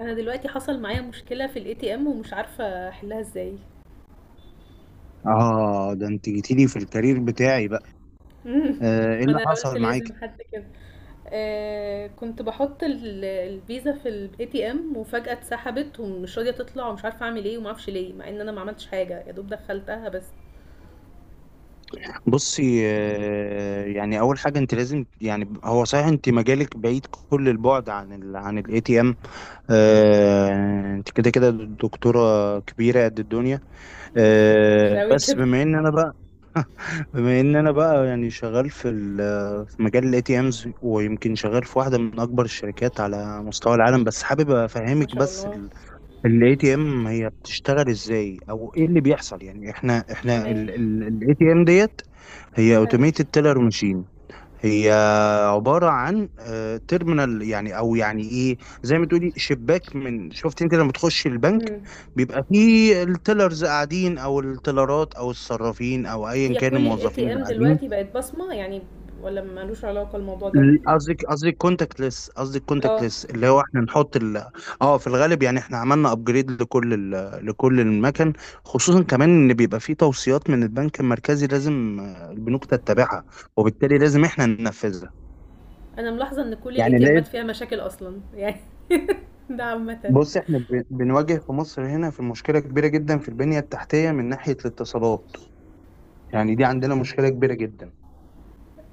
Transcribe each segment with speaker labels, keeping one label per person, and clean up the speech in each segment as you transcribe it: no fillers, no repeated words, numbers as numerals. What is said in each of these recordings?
Speaker 1: انا دلوقتي حصل معايا مشكله في الاي تي ام ومش عارفه احلها ازاي.
Speaker 2: اه، ده انت جيتيلي في الكارير بتاعي بقى.
Speaker 1: امم
Speaker 2: آه، ايه اللي
Speaker 1: وانا قلت
Speaker 2: حصل
Speaker 1: لازم
Speaker 2: معاك؟
Speaker 1: حد كده. آه، كنت بحط الفيزا في الاي تي ام وفجاه اتسحبت ومش راضيه تطلع ومش عارفه اعمل ايه وما اعرفش ليه مع ان انا ما عملتش حاجه، يا دوب دخلتها بس.
Speaker 2: بصي، آه، يعني اول حاجه انت لازم، يعني هو صحيح انت مجالك بعيد كل البعد عن عن الاي تي ام. انت كده كده دكتوره كبيره قد الدنيا.
Speaker 1: مش
Speaker 2: آه،
Speaker 1: قوي
Speaker 2: بس
Speaker 1: كده.
Speaker 2: بما ان انا بقى، بما ان انا بقى يعني شغال في في مجال الاي تي امز، ويمكن شغال في واحده من اكبر الشركات على مستوى العالم، بس حابب
Speaker 1: ما
Speaker 2: افهمك
Speaker 1: شاء
Speaker 2: بس.
Speaker 1: الله.
Speaker 2: الاي تي ام هي بتشتغل ازاي او ايه اللي بيحصل؟ يعني احنا
Speaker 1: تمام.
Speaker 2: الاي تي ام ديت هي
Speaker 1: حلو.
Speaker 2: اوتوميتد تيلر ماشين. هي عبارة عن تيرمينال، يعني او يعني ايه، زي ما تقولي شباك من، شفت انت لما تخش البنك
Speaker 1: امم.
Speaker 2: بيبقى فيه التيلرز قاعدين، او التيلرات او الصرافين، او ايا
Speaker 1: هي
Speaker 2: كان
Speaker 1: كل الاي
Speaker 2: الموظفين
Speaker 1: تي
Speaker 2: اللي
Speaker 1: ام
Speaker 2: قاعدين.
Speaker 1: دلوقتي بقت بصمه يعني، ولا ملوش علاقه الموضوع ده؟
Speaker 2: قصدك كونتاكت ليس، قصدك كونتاكت
Speaker 1: اه.
Speaker 2: ليس اللي هو احنا نحط اه. في الغالب يعني احنا عملنا ابجريد لكل لكل المكن، خصوصا كمان ان بيبقى فيه توصيات من البنك المركزي لازم، آه، البنوك تتبعها، وبالتالي لازم احنا ننفذها.
Speaker 1: انا ملاحظه ان كل الاي
Speaker 2: يعني
Speaker 1: تي امات
Speaker 2: لقيت،
Speaker 1: فيها مشاكل اصلا يعني. ده عامه.
Speaker 2: بص احنا بنواجه في مصر هنا في مشكلة كبيرة جدا في البنية التحتية من ناحية الاتصالات. يعني دي عندنا مشكلة كبيرة جدا.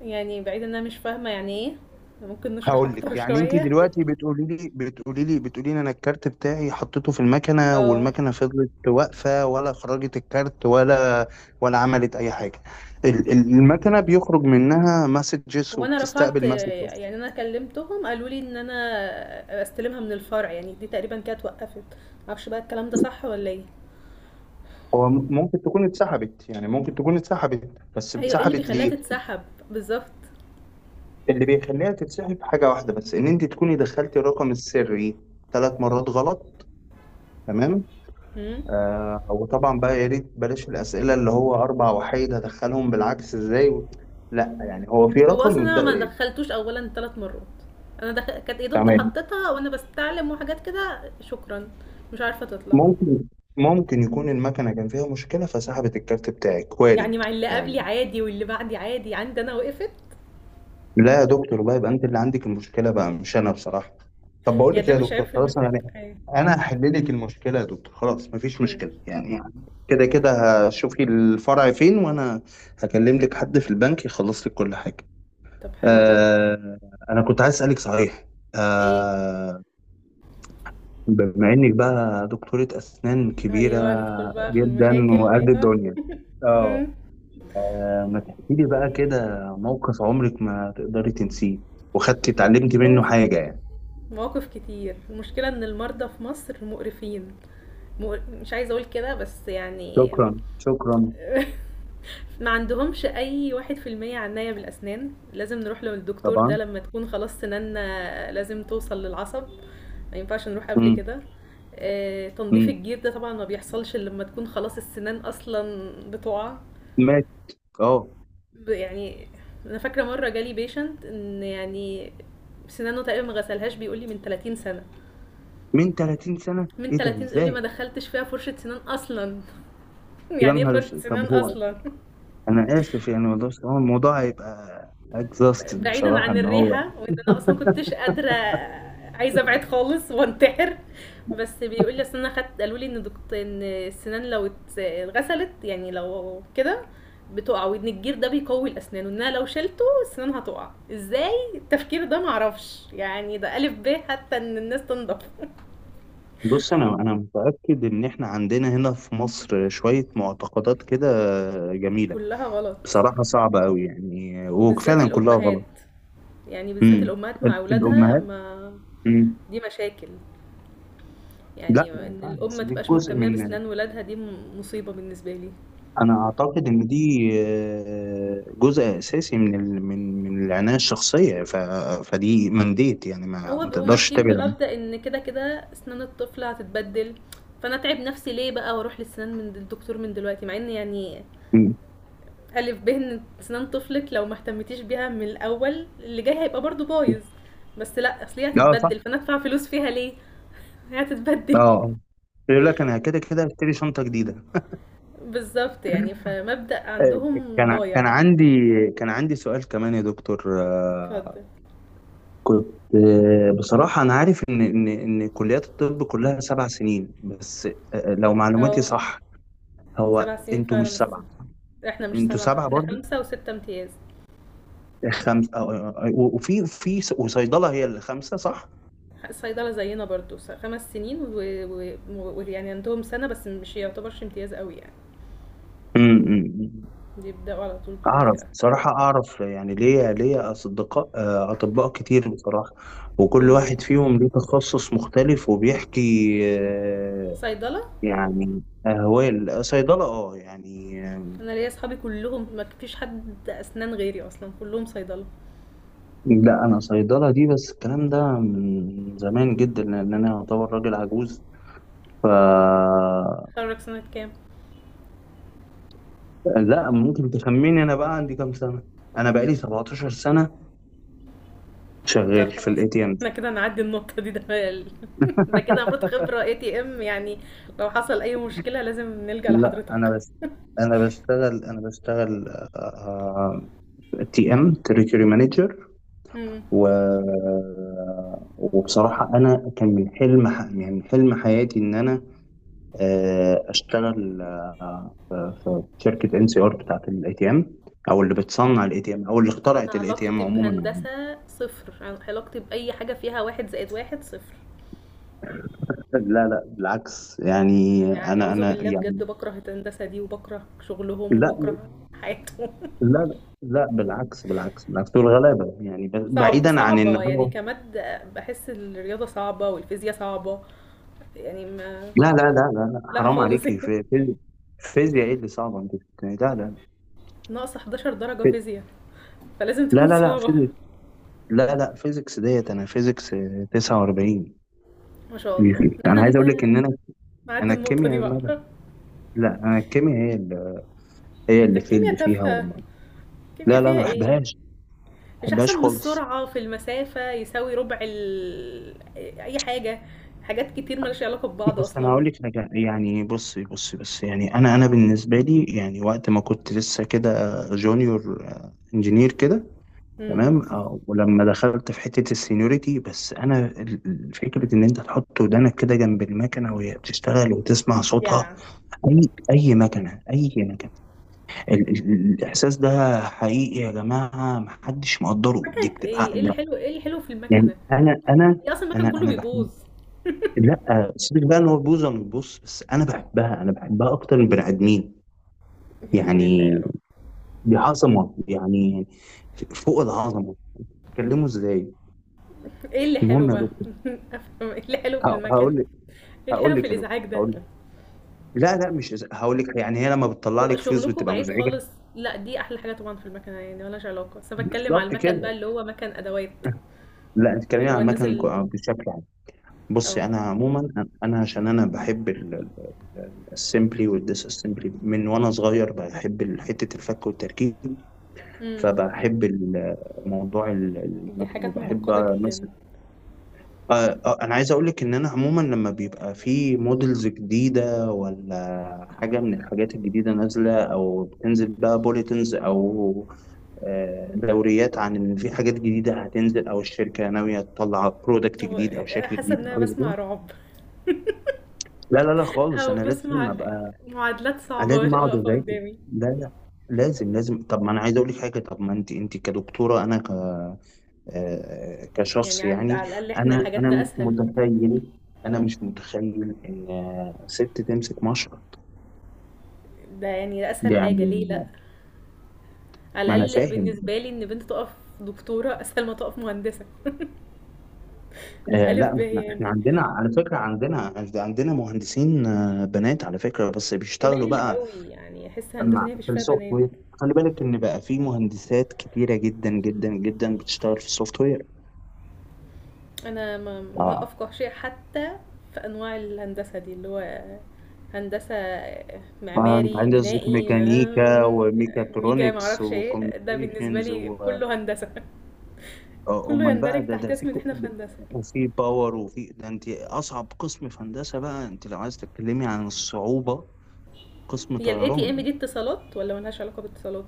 Speaker 1: يعني بعيد ان انا مش فاهمة يعني ايه، ممكن نشرح
Speaker 2: هقول
Speaker 1: اكتر
Speaker 2: لك، يعني انت
Speaker 1: شوية؟
Speaker 2: دلوقتي بتقولي لي انا الكارت بتاعي حطيته في المكنه
Speaker 1: اه.
Speaker 2: والمكنه فضلت واقفه، ولا خرجت الكارت، ولا ولا عملت اي حاجه؟ المكنه بيخرج منها مسجز
Speaker 1: هو انا رفعت،
Speaker 2: وبتستقبل مسجز.
Speaker 1: يعني انا كلمتهم قالوا لي ان انا استلمها من الفرع، يعني دي تقريبا كانت وقفت. معرفش بقى الكلام ده صح ولا ايه.
Speaker 2: هو ممكن تكون اتسحبت، يعني ممكن تكون اتسحبت، بس
Speaker 1: ايوه، ايه اللي
Speaker 2: اتسحبت
Speaker 1: بيخليها
Speaker 2: ليه؟
Speaker 1: تتسحب؟ بالظبط.
Speaker 2: اللي بيخليها تتسحب حاجه واحده بس، ان انت تكوني دخلتي الرقم السري ثلاث مرات غلط. تمام.
Speaker 1: مم.
Speaker 2: آه، وطبعا بقى يا ريت بلاش الأسئلة اللي هو أربع وحيد هدخلهم بالعكس إزاي لا، يعني هو في
Speaker 1: هو
Speaker 2: رقم
Speaker 1: اصلا انا ما
Speaker 2: إيه،
Speaker 1: دخلتوش اولا ثلاث مرات، انا دخ... كانت يا دوب ده
Speaker 2: تمام.
Speaker 1: حطيتها وانا بستعلم وحاجات كده. شكرا. مش عارفة تطلع.
Speaker 2: ممكن، ممكن يكون المكنة كان فيها مشكلة فسحبت الكارت بتاعك،
Speaker 1: يعني
Speaker 2: وارد
Speaker 1: مع اللي
Speaker 2: يعني.
Speaker 1: قبلي عادي واللي بعدي عادي، عندي انا وقفت.
Speaker 2: لا يا دكتور بقى، يبقى أنت اللي عندك المشكلة بقى، مش أنا بصراحة. طب بقول
Speaker 1: يعني
Speaker 2: لك
Speaker 1: ده
Speaker 2: إيه يا
Speaker 1: مش عيب
Speaker 2: دكتور،
Speaker 1: في
Speaker 2: خلاص أنا
Speaker 1: المكان؟
Speaker 2: يعني
Speaker 1: ايوه.
Speaker 2: أنا هحل لك المشكلة يا دكتور، خلاص مفيش
Speaker 1: مم.
Speaker 2: مشكلة يعني. كده كده هشوفي الفرع فين، وأنا هكلم لك حد في البنك يخلص لك كل حاجة.
Speaker 1: طب حلو جدًا.
Speaker 2: آه، أنا كنت عايز أسألك صحيح.
Speaker 1: إيه،
Speaker 2: آه، بما إنك بقى دكتورة أسنان كبيرة
Speaker 1: أيوه، ندخل بقى في
Speaker 2: جدا
Speaker 1: المشاكل،
Speaker 2: وقد
Speaker 1: أيوه.
Speaker 2: الدنيا، آه،
Speaker 1: إمم.
Speaker 2: آه، ما تحكي لي بقى كده موقف عمرك ما تقدري تنسيه، وخدتي اتعلمتي منه
Speaker 1: أوف!
Speaker 2: حاجة يعني.
Speaker 1: مواقف كتير. المشكلة إن المرضى في مصر مقرفين، مش عايزة أقول كده بس يعني.
Speaker 2: شكرا شكرا.
Speaker 1: ما عندهمش أي 1% عناية بالأسنان، لازم نروح للدكتور ده
Speaker 2: طبعا.
Speaker 1: لمّا تكون خلاص سناننا لازم توصل للعصب، ما ينفعش نروح قبل
Speaker 2: مم.
Speaker 1: كده. تنضيف
Speaker 2: مم.
Speaker 1: الجير ده طبعًا ما بيحصلش إلا لمّا تكون خلاص السنان أصلًا بتُقع.
Speaker 2: مات. اه،
Speaker 1: يعني انا فاكره مره جالي بيشنت ان يعني سنانه تقريبا ما غسلهاش، بيقول لي من 30 سنه،
Speaker 2: من 30 سنة؟
Speaker 1: من
Speaker 2: إيه ده
Speaker 1: 30 يقول لي ما
Speaker 2: إزاي؟
Speaker 1: دخلتش فيها فرشه سنان اصلا.
Speaker 2: يا
Speaker 1: يعني ايه
Speaker 2: نهار
Speaker 1: فرشه
Speaker 2: أسود.
Speaker 1: سنان
Speaker 2: طب هو،
Speaker 1: اصلا؟
Speaker 2: أنا آسف يعني والله، بس هو الموضوع هيبقى اكزاستد
Speaker 1: بعيدا
Speaker 2: بصراحة
Speaker 1: عن
Speaker 2: إن هو،
Speaker 1: الريحة وان انا اصلا كنتش قادرة، عايزة ابعد خالص وانتحر. بس بيقول لي اصل انا خدت، قالوا لي ان دكتور ان السنان لو اتغسلت يعني لو كده بتقع، وان الجير ده بيقوي الاسنان وانها لو شلته السنان هتقع ازاي. التفكير ده معرفش يعني، ده الف ب حتى ان الناس تنضف.
Speaker 2: بص انا متاكد ان احنا عندنا هنا في مصر شويه معتقدات كده جميله.
Speaker 1: كلها غلط.
Speaker 2: بصراحه صعبه قوي يعني،
Speaker 1: وبالذات
Speaker 2: وفعلا كلها غلط.
Speaker 1: الامهات، يعني بالذات
Speaker 2: امم.
Speaker 1: الامهات مع اولادها
Speaker 2: الامهات.
Speaker 1: ما.
Speaker 2: امم.
Speaker 1: دي مشاكل،
Speaker 2: لا
Speaker 1: يعني
Speaker 2: ما
Speaker 1: ان
Speaker 2: ينفعش،
Speaker 1: الام ما
Speaker 2: بس دي
Speaker 1: تبقاش
Speaker 2: جزء
Speaker 1: مهتمه
Speaker 2: من،
Speaker 1: باسنان ولادها دي مصيبه بالنسبه لي.
Speaker 2: انا اعتقد ان دي آه، جزء اساسي من من العنايه الشخصيه فدي منديت، يعني ما,
Speaker 1: هو
Speaker 2: ما
Speaker 1: بيبقوا
Speaker 2: تقدرش
Speaker 1: ماشيين
Speaker 2: تبعد عنها.
Speaker 1: بمبدا ان كده كده اسنان الطفل هتتبدل، فانا اتعب نفسي ليه بقى واروح للسنان من الدكتور من دلوقتي، مع ان يعني
Speaker 2: أمم.
Speaker 1: الف ب ان اسنان طفلك لو ما اهتمتيش بيها من الاول اللي جاي هيبقى برضو بايظ. بس لا، اصل هي
Speaker 2: لا صح.
Speaker 1: هتتبدل فانا ادفع فلوس فيها ليه، هي هتتبدل.
Speaker 2: اه، يقول لك انا كده كده هشتري شنطه جديده.
Speaker 1: بالظبط، يعني فمبدا
Speaker 2: آه،
Speaker 1: عندهم
Speaker 2: كان
Speaker 1: ضايع.
Speaker 2: عندي، كان عندي سؤال كمان يا دكتور، آه،
Speaker 1: اتفضل.
Speaker 2: كنت آه، بصراحة أنا عارف إن كليات الطب كلها سبع سنين بس. آه، لو معلوماتي
Speaker 1: اه.
Speaker 2: صح. هو
Speaker 1: سبع سنين
Speaker 2: أنتوا
Speaker 1: فعلا
Speaker 2: مش
Speaker 1: بس.
Speaker 2: سبعة؟
Speaker 1: احنا مش
Speaker 2: أنتوا
Speaker 1: سبعة،
Speaker 2: سبعة
Speaker 1: احنا
Speaker 2: برضو.
Speaker 1: خمسة وستة امتياز.
Speaker 2: خمسة، آه، آه، آه، وفي وصيدلة هي اللي خمسة صح؟
Speaker 1: الصيدلة زينا برضو خمس سنين، ويعني يعني عندهم سنة بس مش يعتبرش امتياز قوي يعني،
Speaker 2: امم.
Speaker 1: بيبدأوا على طول بحاجات
Speaker 2: أعرف
Speaker 1: كده.
Speaker 2: بصراحة، أعرف يعني ليا أصدقاء آه، أطباء كتير بصراحة. وكل
Speaker 1: امم.
Speaker 2: واحد فيهم ليه تخصص مختلف وبيحكي، آه،
Speaker 1: صيدلة.
Speaker 2: يعني هو صيدلة، اه يعني آم،
Speaker 1: انا ليا اصحابي كلهم ما فيش حد اسنان غيري اصلا، كلهم صيدلة.
Speaker 2: لا أنا صيدلة دي، بس الكلام ده من زمان جدا لأن أنا أعتبر راجل عجوز. ف،
Speaker 1: اتخرج سنة كام؟
Speaker 2: لا ممكن تخميني أنا بقى عندي كام سنة. أنا بقالي 17 سنة
Speaker 1: لا
Speaker 2: شغال في
Speaker 1: خلاص،
Speaker 2: الاي تي ام.
Speaker 1: احنا كده هنعدي النقطة دي. ده كده المفروض خبرة اي تي ام يعني، لو حصل اي مشكلة لازم نلجأ
Speaker 2: لا أنا
Speaker 1: لحضرتك.
Speaker 2: بس، أنا بشتغل تي ام تريتوري مانجر.
Speaker 1: امم.
Speaker 2: و، وبصراحة أنا كان من حلم يعني من حلم حياتي إن أنا آه، اشتغل آه، في شركه ان سي ار بتاعت الاي تي ام، او اللي بتصنع الاي تي ام، او اللي
Speaker 1: انا
Speaker 2: اخترعت الاي تي ام
Speaker 1: علاقتي
Speaker 2: عموما.
Speaker 1: بهندسة صفر، علاقتي بأي حاجة فيها واحد زائد واحد صفر.
Speaker 2: لا لا بالعكس، يعني
Speaker 1: يعني
Speaker 2: انا
Speaker 1: أعوذ
Speaker 2: انا
Speaker 1: بالله
Speaker 2: يعني،
Speaker 1: بجد، بكره الهندسة دي وبكره شغلهم
Speaker 2: لا
Speaker 1: وبكره حياتهم.
Speaker 2: لا لا بالعكس بالعكس بالعكس، دول غلابه يعني بعيدا عن ان
Speaker 1: صعبة يعني
Speaker 2: هو،
Speaker 1: كمادة، بحس الرياضة صعبة والفيزياء صعبة. يعني ما.
Speaker 2: لا لا لا لا لا
Speaker 1: لا
Speaker 2: حرام
Speaker 1: خالص.
Speaker 2: عليكي فيزياء ايه اللي صعبه انت بتتكلمي؟ لا لا
Speaker 1: ناقص 11 درجة
Speaker 2: في-
Speaker 1: فيزياء، فلازم
Speaker 2: لا
Speaker 1: تكون
Speaker 2: لا لا
Speaker 1: صعبة.
Speaker 2: فيزيكس، لا لا فيزيكس ديت انا فيزيكس آه، 49.
Speaker 1: ما شاء الله، احنا
Speaker 2: انا عايز اقول لك
Speaker 1: نجي
Speaker 2: ان انا،
Speaker 1: نعدي
Speaker 2: انا
Speaker 1: النقطة دي بقى.
Speaker 2: الكيمياء، لا انا الكيمياء هي اللي، هي
Speaker 1: ده
Speaker 2: اللي اللي
Speaker 1: الكيمياء
Speaker 2: فيها
Speaker 1: تافهة،
Speaker 2: والله. لا
Speaker 1: الكيمياء
Speaker 2: لا انا
Speaker 1: فيها
Speaker 2: ما
Speaker 1: ايه؟
Speaker 2: بحبهاش، ما
Speaker 1: مش احسن
Speaker 2: بحبهاش
Speaker 1: من
Speaker 2: خالص.
Speaker 1: السرعه في المسافه يساوي ربع ال... اي حاجه، حاجات كتير مالهاش علاقه ببعض
Speaker 2: بس انا
Speaker 1: اصلا.
Speaker 2: هقول لك حاجه، يعني بصي بصي، بس يعني انا، انا بالنسبه لي يعني وقت ما كنت لسه كده جونيور انجينير كده،
Speaker 1: امم.
Speaker 2: تمام، آه، ولما دخلت في حته السينيوريتي بس انا فكره ان انت تحط ودانك كده جنب المكنه وهي بتشتغل وتسمع صوتها،
Speaker 1: يا
Speaker 2: اي اي مكنه، اي مكنه، الاحساس ده حقيقي يا جماعه محدش مقدره، دي
Speaker 1: مكنه
Speaker 2: بتبقى
Speaker 1: ايه، ايه اللي حلو في
Speaker 2: يعني.
Speaker 1: المكنه؟
Speaker 2: أنا أنا
Speaker 1: هي اصلا المكن
Speaker 2: أنا
Speaker 1: كله
Speaker 2: أنا باحب،
Speaker 1: بيبوظ.
Speaker 2: لأ، سيبِك بقى إن هو بوظة من البُص، بس أنا باحبها، أنا باحبها أكتر من البني آدمين،
Speaker 1: يا حول الله يا
Speaker 2: يعني
Speaker 1: رب،
Speaker 2: دي عظمة، يعني ف فوق العظمة، بتتكلموا إزاي؟
Speaker 1: ايه اللي حلو
Speaker 2: المهم يا
Speaker 1: بقى؟
Speaker 2: دكتور،
Speaker 1: افهم ايه اللي حلو
Speaker 2: ه،
Speaker 1: في المكن، ايه
Speaker 2: هاقول لِك،
Speaker 1: اللي
Speaker 2: هاقول
Speaker 1: حلو في
Speaker 2: لِك يا دكتور،
Speaker 1: الازعاج ده؟
Speaker 2: هاقول لِك، لأ، لأ، مش إز، هاقول لِك يعني هي لمّا بتطلّع
Speaker 1: هو
Speaker 2: لِك فلوس
Speaker 1: شغلكم
Speaker 2: بتبقى
Speaker 1: بعيد
Speaker 2: مزعجة؟
Speaker 1: خالص. لا دي احلى حاجه طبعا في المكنه، يعني مالهاش علاقه، بس انا بتكلم على
Speaker 2: بالضبط
Speaker 1: المكن بقى
Speaker 2: كده.
Speaker 1: اللي هو مكن ادوات،
Speaker 2: لأ، أنتِ بتتكلمي
Speaker 1: اللي
Speaker 2: عن
Speaker 1: هو الناس
Speaker 2: المَكَن ك
Speaker 1: اللي.
Speaker 2: بشكل،
Speaker 1: اه.
Speaker 2: بصي انا عموما، انا عشان انا بحب السمبلي والديس اسمبلي من وانا صغير، بحب حته الفك والتركيب،
Speaker 1: امم.
Speaker 2: فبحب موضوع
Speaker 1: دي
Speaker 2: المكن
Speaker 1: حاجات
Speaker 2: وبحب
Speaker 1: معقده جدا.
Speaker 2: مثلا، آه، آه، انا عايز اقول لك ان انا عموما لما بيبقى في موديلز جديده، ولا حاجه من الحاجات الجديده نازله او بتنزل بقى بوليتنز او آه، دوريات عن ان في حاجات جديده هتنزل او الشركه ناويه تطلع برودكت
Speaker 1: هو
Speaker 2: جديد او شكل
Speaker 1: حاسة إن
Speaker 2: جديد او
Speaker 1: أنا
Speaker 2: حاجه زي
Speaker 1: بسمع
Speaker 2: كده.
Speaker 1: رعب،
Speaker 2: لا لا لا خالص،
Speaker 1: أو
Speaker 2: انا لازم
Speaker 1: بسمع
Speaker 2: ابقى،
Speaker 1: معادلات
Speaker 2: انا
Speaker 1: صعبة
Speaker 2: لازم
Speaker 1: واقفة
Speaker 2: اقعد اذاكر.
Speaker 1: قدامي.
Speaker 2: لا لا، لازم لازم. طب ما انا عايز اقول لك حاجه، طب ما انت، انت كدكتوره انا ك آه،
Speaker 1: يعني
Speaker 2: كشخص
Speaker 1: عند
Speaker 2: يعني،
Speaker 1: على الأقل إحنا
Speaker 2: انا
Speaker 1: حاجاتنا
Speaker 2: مش
Speaker 1: أسهل،
Speaker 2: متخيل، انا مش متخيل ان آه، ست تمسك مشرط.
Speaker 1: ده يعني ده أسهل حاجة ليه لأ.
Speaker 2: يعني ما
Speaker 1: على
Speaker 2: انا
Speaker 1: الأقل
Speaker 2: فاهم،
Speaker 1: بالنسبة لي إن بنت تقف دكتورة أسهل ما تقف مهندسة.
Speaker 2: آه
Speaker 1: ألف
Speaker 2: لا،
Speaker 1: ب
Speaker 2: ما احنا احنا
Speaker 1: يعني،
Speaker 2: عندنا على فكره، عندنا مهندسين آه، بنات على فكره، بس بيشتغلوا
Speaker 1: قليل
Speaker 2: بقى
Speaker 1: قوي، يعني أحس هندسة
Speaker 2: مع
Speaker 1: دي مفيش
Speaker 2: في
Speaker 1: فيها
Speaker 2: السوفت
Speaker 1: بنات.
Speaker 2: وير. خلي بالك ان بقى في مهندسات كتيره جدا جدا جدا بتشتغل في السوفت وير.
Speaker 1: انا ما لا
Speaker 2: اه،
Speaker 1: افقه شيء حتى في انواع الهندسه دي، اللي هو هندسه
Speaker 2: فانت
Speaker 1: معماري
Speaker 2: عندك قصدك
Speaker 1: بنائي،
Speaker 2: ميكانيكا
Speaker 1: ميجا، ما
Speaker 2: وميكاترونكس
Speaker 1: اعرفش ايه ده، بالنسبه
Speaker 2: وكوميونيكيشنز
Speaker 1: لي
Speaker 2: و
Speaker 1: كله هندسه.
Speaker 2: آه،
Speaker 1: كله
Speaker 2: امال بقى
Speaker 1: يندرج
Speaker 2: ده،
Speaker 1: تحت
Speaker 2: ده في
Speaker 1: اسم ان احنا في هندسه.
Speaker 2: وفي باور وفي، ده انت اصعب قسم في هندسه بقى انت لو عايز تتكلمي عن الصعوبه، قسم
Speaker 1: هي الاي تي ام
Speaker 2: طيران.
Speaker 1: دي اتصالات ولا ملهاش علاقه بالاتصالات؟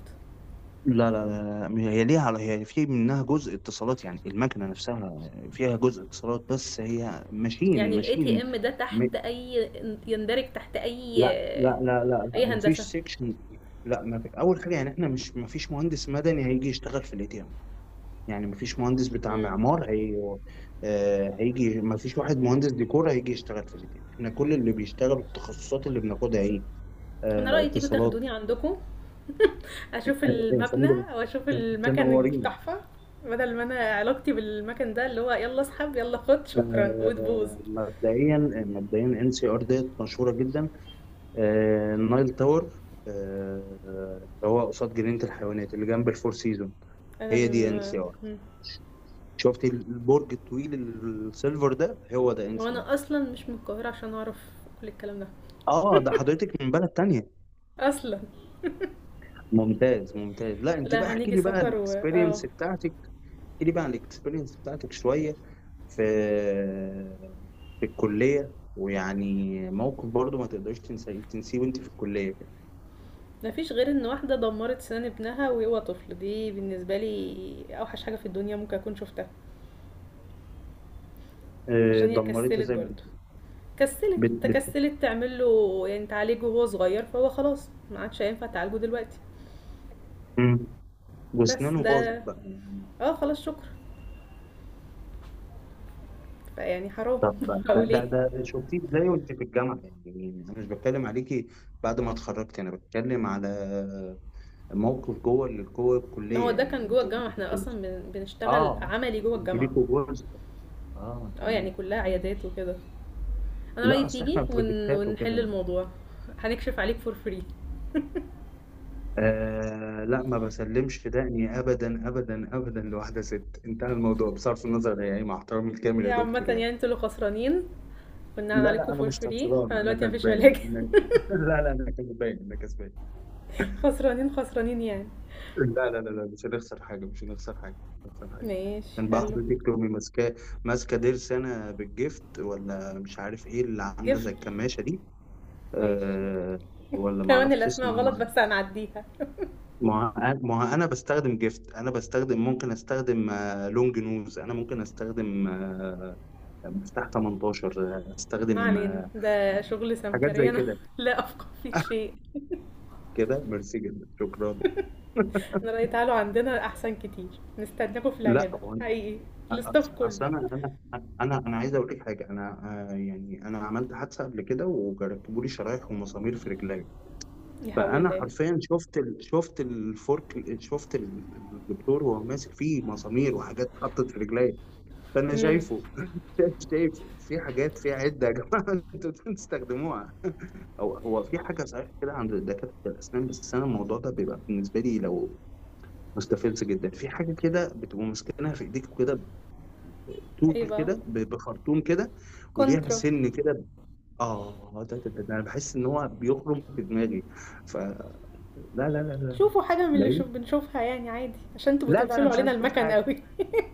Speaker 2: لا لا لا لا، هي ليها على، هي في منها جزء اتصالات، يعني المكنه نفسها فيها جزء اتصالات، بس هي ماشين
Speaker 1: يعني الاي تي
Speaker 2: ماشين.
Speaker 1: ام ده
Speaker 2: م...
Speaker 1: تحت اي، يندرج تحت اي
Speaker 2: لا لا لا لا لا
Speaker 1: اي
Speaker 2: مفيش
Speaker 1: هندسه؟
Speaker 2: سيكشن. لا ما في، اول حاجه يعني احنا مش، مفيش مهندس مدني هيجي يشتغل في الاي تي، يعني مفيش مهندس بتاع
Speaker 1: مم.
Speaker 2: معمار، هي آه، هيجي، مفيش واحد مهندس ديكور هيجي يشتغل في الاتنين. احنا كل اللي بيشتغلوا التخصصات اللي بناخدها ايه،
Speaker 1: انا
Speaker 2: آه،
Speaker 1: رايي تيجوا
Speaker 2: اتصالات.
Speaker 1: تاخدوني عندكم، اشوف
Speaker 2: آه، يا
Speaker 1: المبنى
Speaker 2: فندم،
Speaker 1: واشوف المكان
Speaker 2: تنورينا.
Speaker 1: التحفه، بدل ما انا علاقتي بالمكان ده اللي هو يلا اسحب يلا خد شكرا وتبوظ.
Speaker 2: آه، مبدئيا، مبدئيا ان سي ار ديت مشهوره جدا. آه، النايل تاور آه، اللي هو قصاد جنينه الحيوانات اللي جنب الفور سيزون،
Speaker 1: انا
Speaker 2: هي دي ان سي ار.
Speaker 1: م... م-
Speaker 2: شفت البرج الطويل السيلفر ده، هو ده ان سي ار.
Speaker 1: وانا اصلا مش من القاهره عشان اعرف كل الكلام ده
Speaker 2: اه ده حضرتك من بلد تانية.
Speaker 1: اصلا.
Speaker 2: ممتاز ممتاز، لا انت بقى
Speaker 1: لا
Speaker 2: احكي
Speaker 1: هنيجي
Speaker 2: لي بقى
Speaker 1: سفر و اه.
Speaker 2: الاكسبيرينس بتاعتك، احكي لي بقى عن الاكسبيرينس بتاعتك شويه، في في الكليه، ويعني موقف برضو ما تقدرش تنسيه تنسيه وانت في الكليه كده.
Speaker 1: مفيش غير ان واحده دمرت سنان ابنها وهو طفل، دي بالنسبه لي اوحش حاجه في الدنيا ممكن اكون شفتها،
Speaker 2: اه،
Speaker 1: عشان هي
Speaker 2: دمرتها
Speaker 1: كسلت
Speaker 2: زي
Speaker 1: برضه،
Speaker 2: بت، بت بت-
Speaker 1: تكسلت تعمل له يعني تعالجه وهو صغير، فهو خلاص ما عادش هينفع تعالجه دلوقتي.
Speaker 2: مم.
Speaker 1: بس
Speaker 2: واسنانه باظت
Speaker 1: ده.
Speaker 2: بقى يعني.
Speaker 1: اه خلاص شكرا. فيعني حرام.
Speaker 2: طب ده
Speaker 1: هقول ايه.
Speaker 2: ده، ده شفتيه ازاي وانت في الجامعه؟ يعني انا مش بتكلم عليكي بعد ما اتخرجت، انا بتكلم على موقف جوه جوه
Speaker 1: ان هو
Speaker 2: الكليه،
Speaker 1: ده
Speaker 2: يعني
Speaker 1: كان جوه
Speaker 2: وانت
Speaker 1: الجامعه،
Speaker 2: وانت
Speaker 1: احنا اصلا بنشتغل
Speaker 2: اه،
Speaker 1: عملي جوه
Speaker 2: انتوا
Speaker 1: الجامعه.
Speaker 2: ليكوا جزء، اه
Speaker 1: اه يعني
Speaker 2: تمام
Speaker 1: كلها
Speaker 2: تمام،
Speaker 1: عيادات وكده. انا رايي
Speaker 2: لا اصل
Speaker 1: تيجي
Speaker 2: احنا بروجكتات
Speaker 1: ونحل
Speaker 2: وكده.
Speaker 1: الموضوع، هنكشف عليك فور فري.
Speaker 2: آه لا، ما بسلمش دقني ابدا ابدا ابدا لواحده ست، انتهى الموضوع بصرف النظر هي ايه، مع احترامي الكامل يا
Speaker 1: عامه
Speaker 2: دكتور
Speaker 1: يعني
Speaker 2: يعني.
Speaker 1: انتوا اللي خسرانين، كنا
Speaker 2: لا
Speaker 1: عليكم
Speaker 2: لا انا
Speaker 1: فور
Speaker 2: مش
Speaker 1: فري،
Speaker 2: خسران،
Speaker 1: انا
Speaker 2: انا
Speaker 1: دلوقتي مفيش
Speaker 2: كسبان
Speaker 1: علاج.
Speaker 2: انا. لا لا، انا كسبان، انا كسبان.
Speaker 1: خسرانين خسرانين يعني.
Speaker 2: لا لا لا لا، مش هنخسر حاجه، مش هنخسر حاجه، مش هنخسر حاجه.
Speaker 1: ماشي
Speaker 2: كان بقى
Speaker 1: حلو.
Speaker 2: حضرتك تقومي ماسكاه، ماسكه ضرس انا بالجفت، ولا مش عارف ايه اللي عامله زي
Speaker 1: جفت.
Speaker 2: الكماشه دي.
Speaker 1: ماشي.
Speaker 2: آه. ولا ما
Speaker 1: كمان
Speaker 2: اعرفش
Speaker 1: الاسماء غلط
Speaker 2: اسمها.
Speaker 1: بس هنعديها.
Speaker 2: ما هو انا بستخدم جيفت، انا بستخدم، ممكن استخدم آه، لونج نوز، انا ممكن استخدم آه، مفتاح 18، آه،
Speaker 1: ما
Speaker 2: استخدم
Speaker 1: علينا،
Speaker 2: آه،
Speaker 1: ده شغل
Speaker 2: حاجات
Speaker 1: سمكري،
Speaker 2: زي
Speaker 1: انا
Speaker 2: كده،
Speaker 1: لا افقه في شيء.
Speaker 2: كده ميرسي جدا شكرا.
Speaker 1: احنا رأي تعالوا عندنا احسن كتير، نستناكم في
Speaker 2: لا
Speaker 1: العيادة
Speaker 2: هو،
Speaker 1: حقيقي، الاستاف كله.
Speaker 2: اصل انا عايز اقول لك حاجه. انا آه، يعني انا عملت حادثه قبل كده وركبوا لي شرايح ومسامير في رجلي.
Speaker 1: يا حول
Speaker 2: فانا
Speaker 1: الله.
Speaker 2: حرفيا شفت شفت الفورك، شفت الدكتور وهو ماسك فيه مسامير وحاجات اتحطت في رجلي. فانا
Speaker 1: امم.
Speaker 2: شايفه شايف شايف، في حاجات في عده يا جماعه انتوا بتستخدموها، او هو في حاجه صحيح كده عند دكاتره الاسنان، بس انا الموضوع ده بيبقى بالنسبه لي لو، مستفز جدا، في حاجه كده بتبقى ماسكينها في ايديك كده
Speaker 1: ايه
Speaker 2: طول
Speaker 1: بقى،
Speaker 2: كده بخرطوم كده وليها
Speaker 1: كونترا.
Speaker 2: سن كده، اه ده انا بحس ان هو بيخرم في دماغي، فلا، لا لا لا لا
Speaker 1: شوفوا حاجة من
Speaker 2: لا
Speaker 1: اللي
Speaker 2: لا
Speaker 1: شوف بنشوفها يعني عادي، عشان تبقوا
Speaker 2: لا لا، انا
Speaker 1: تقفلوا
Speaker 2: مش
Speaker 1: علينا
Speaker 2: عايز اشوف
Speaker 1: المكان
Speaker 2: حاجه
Speaker 1: قوي.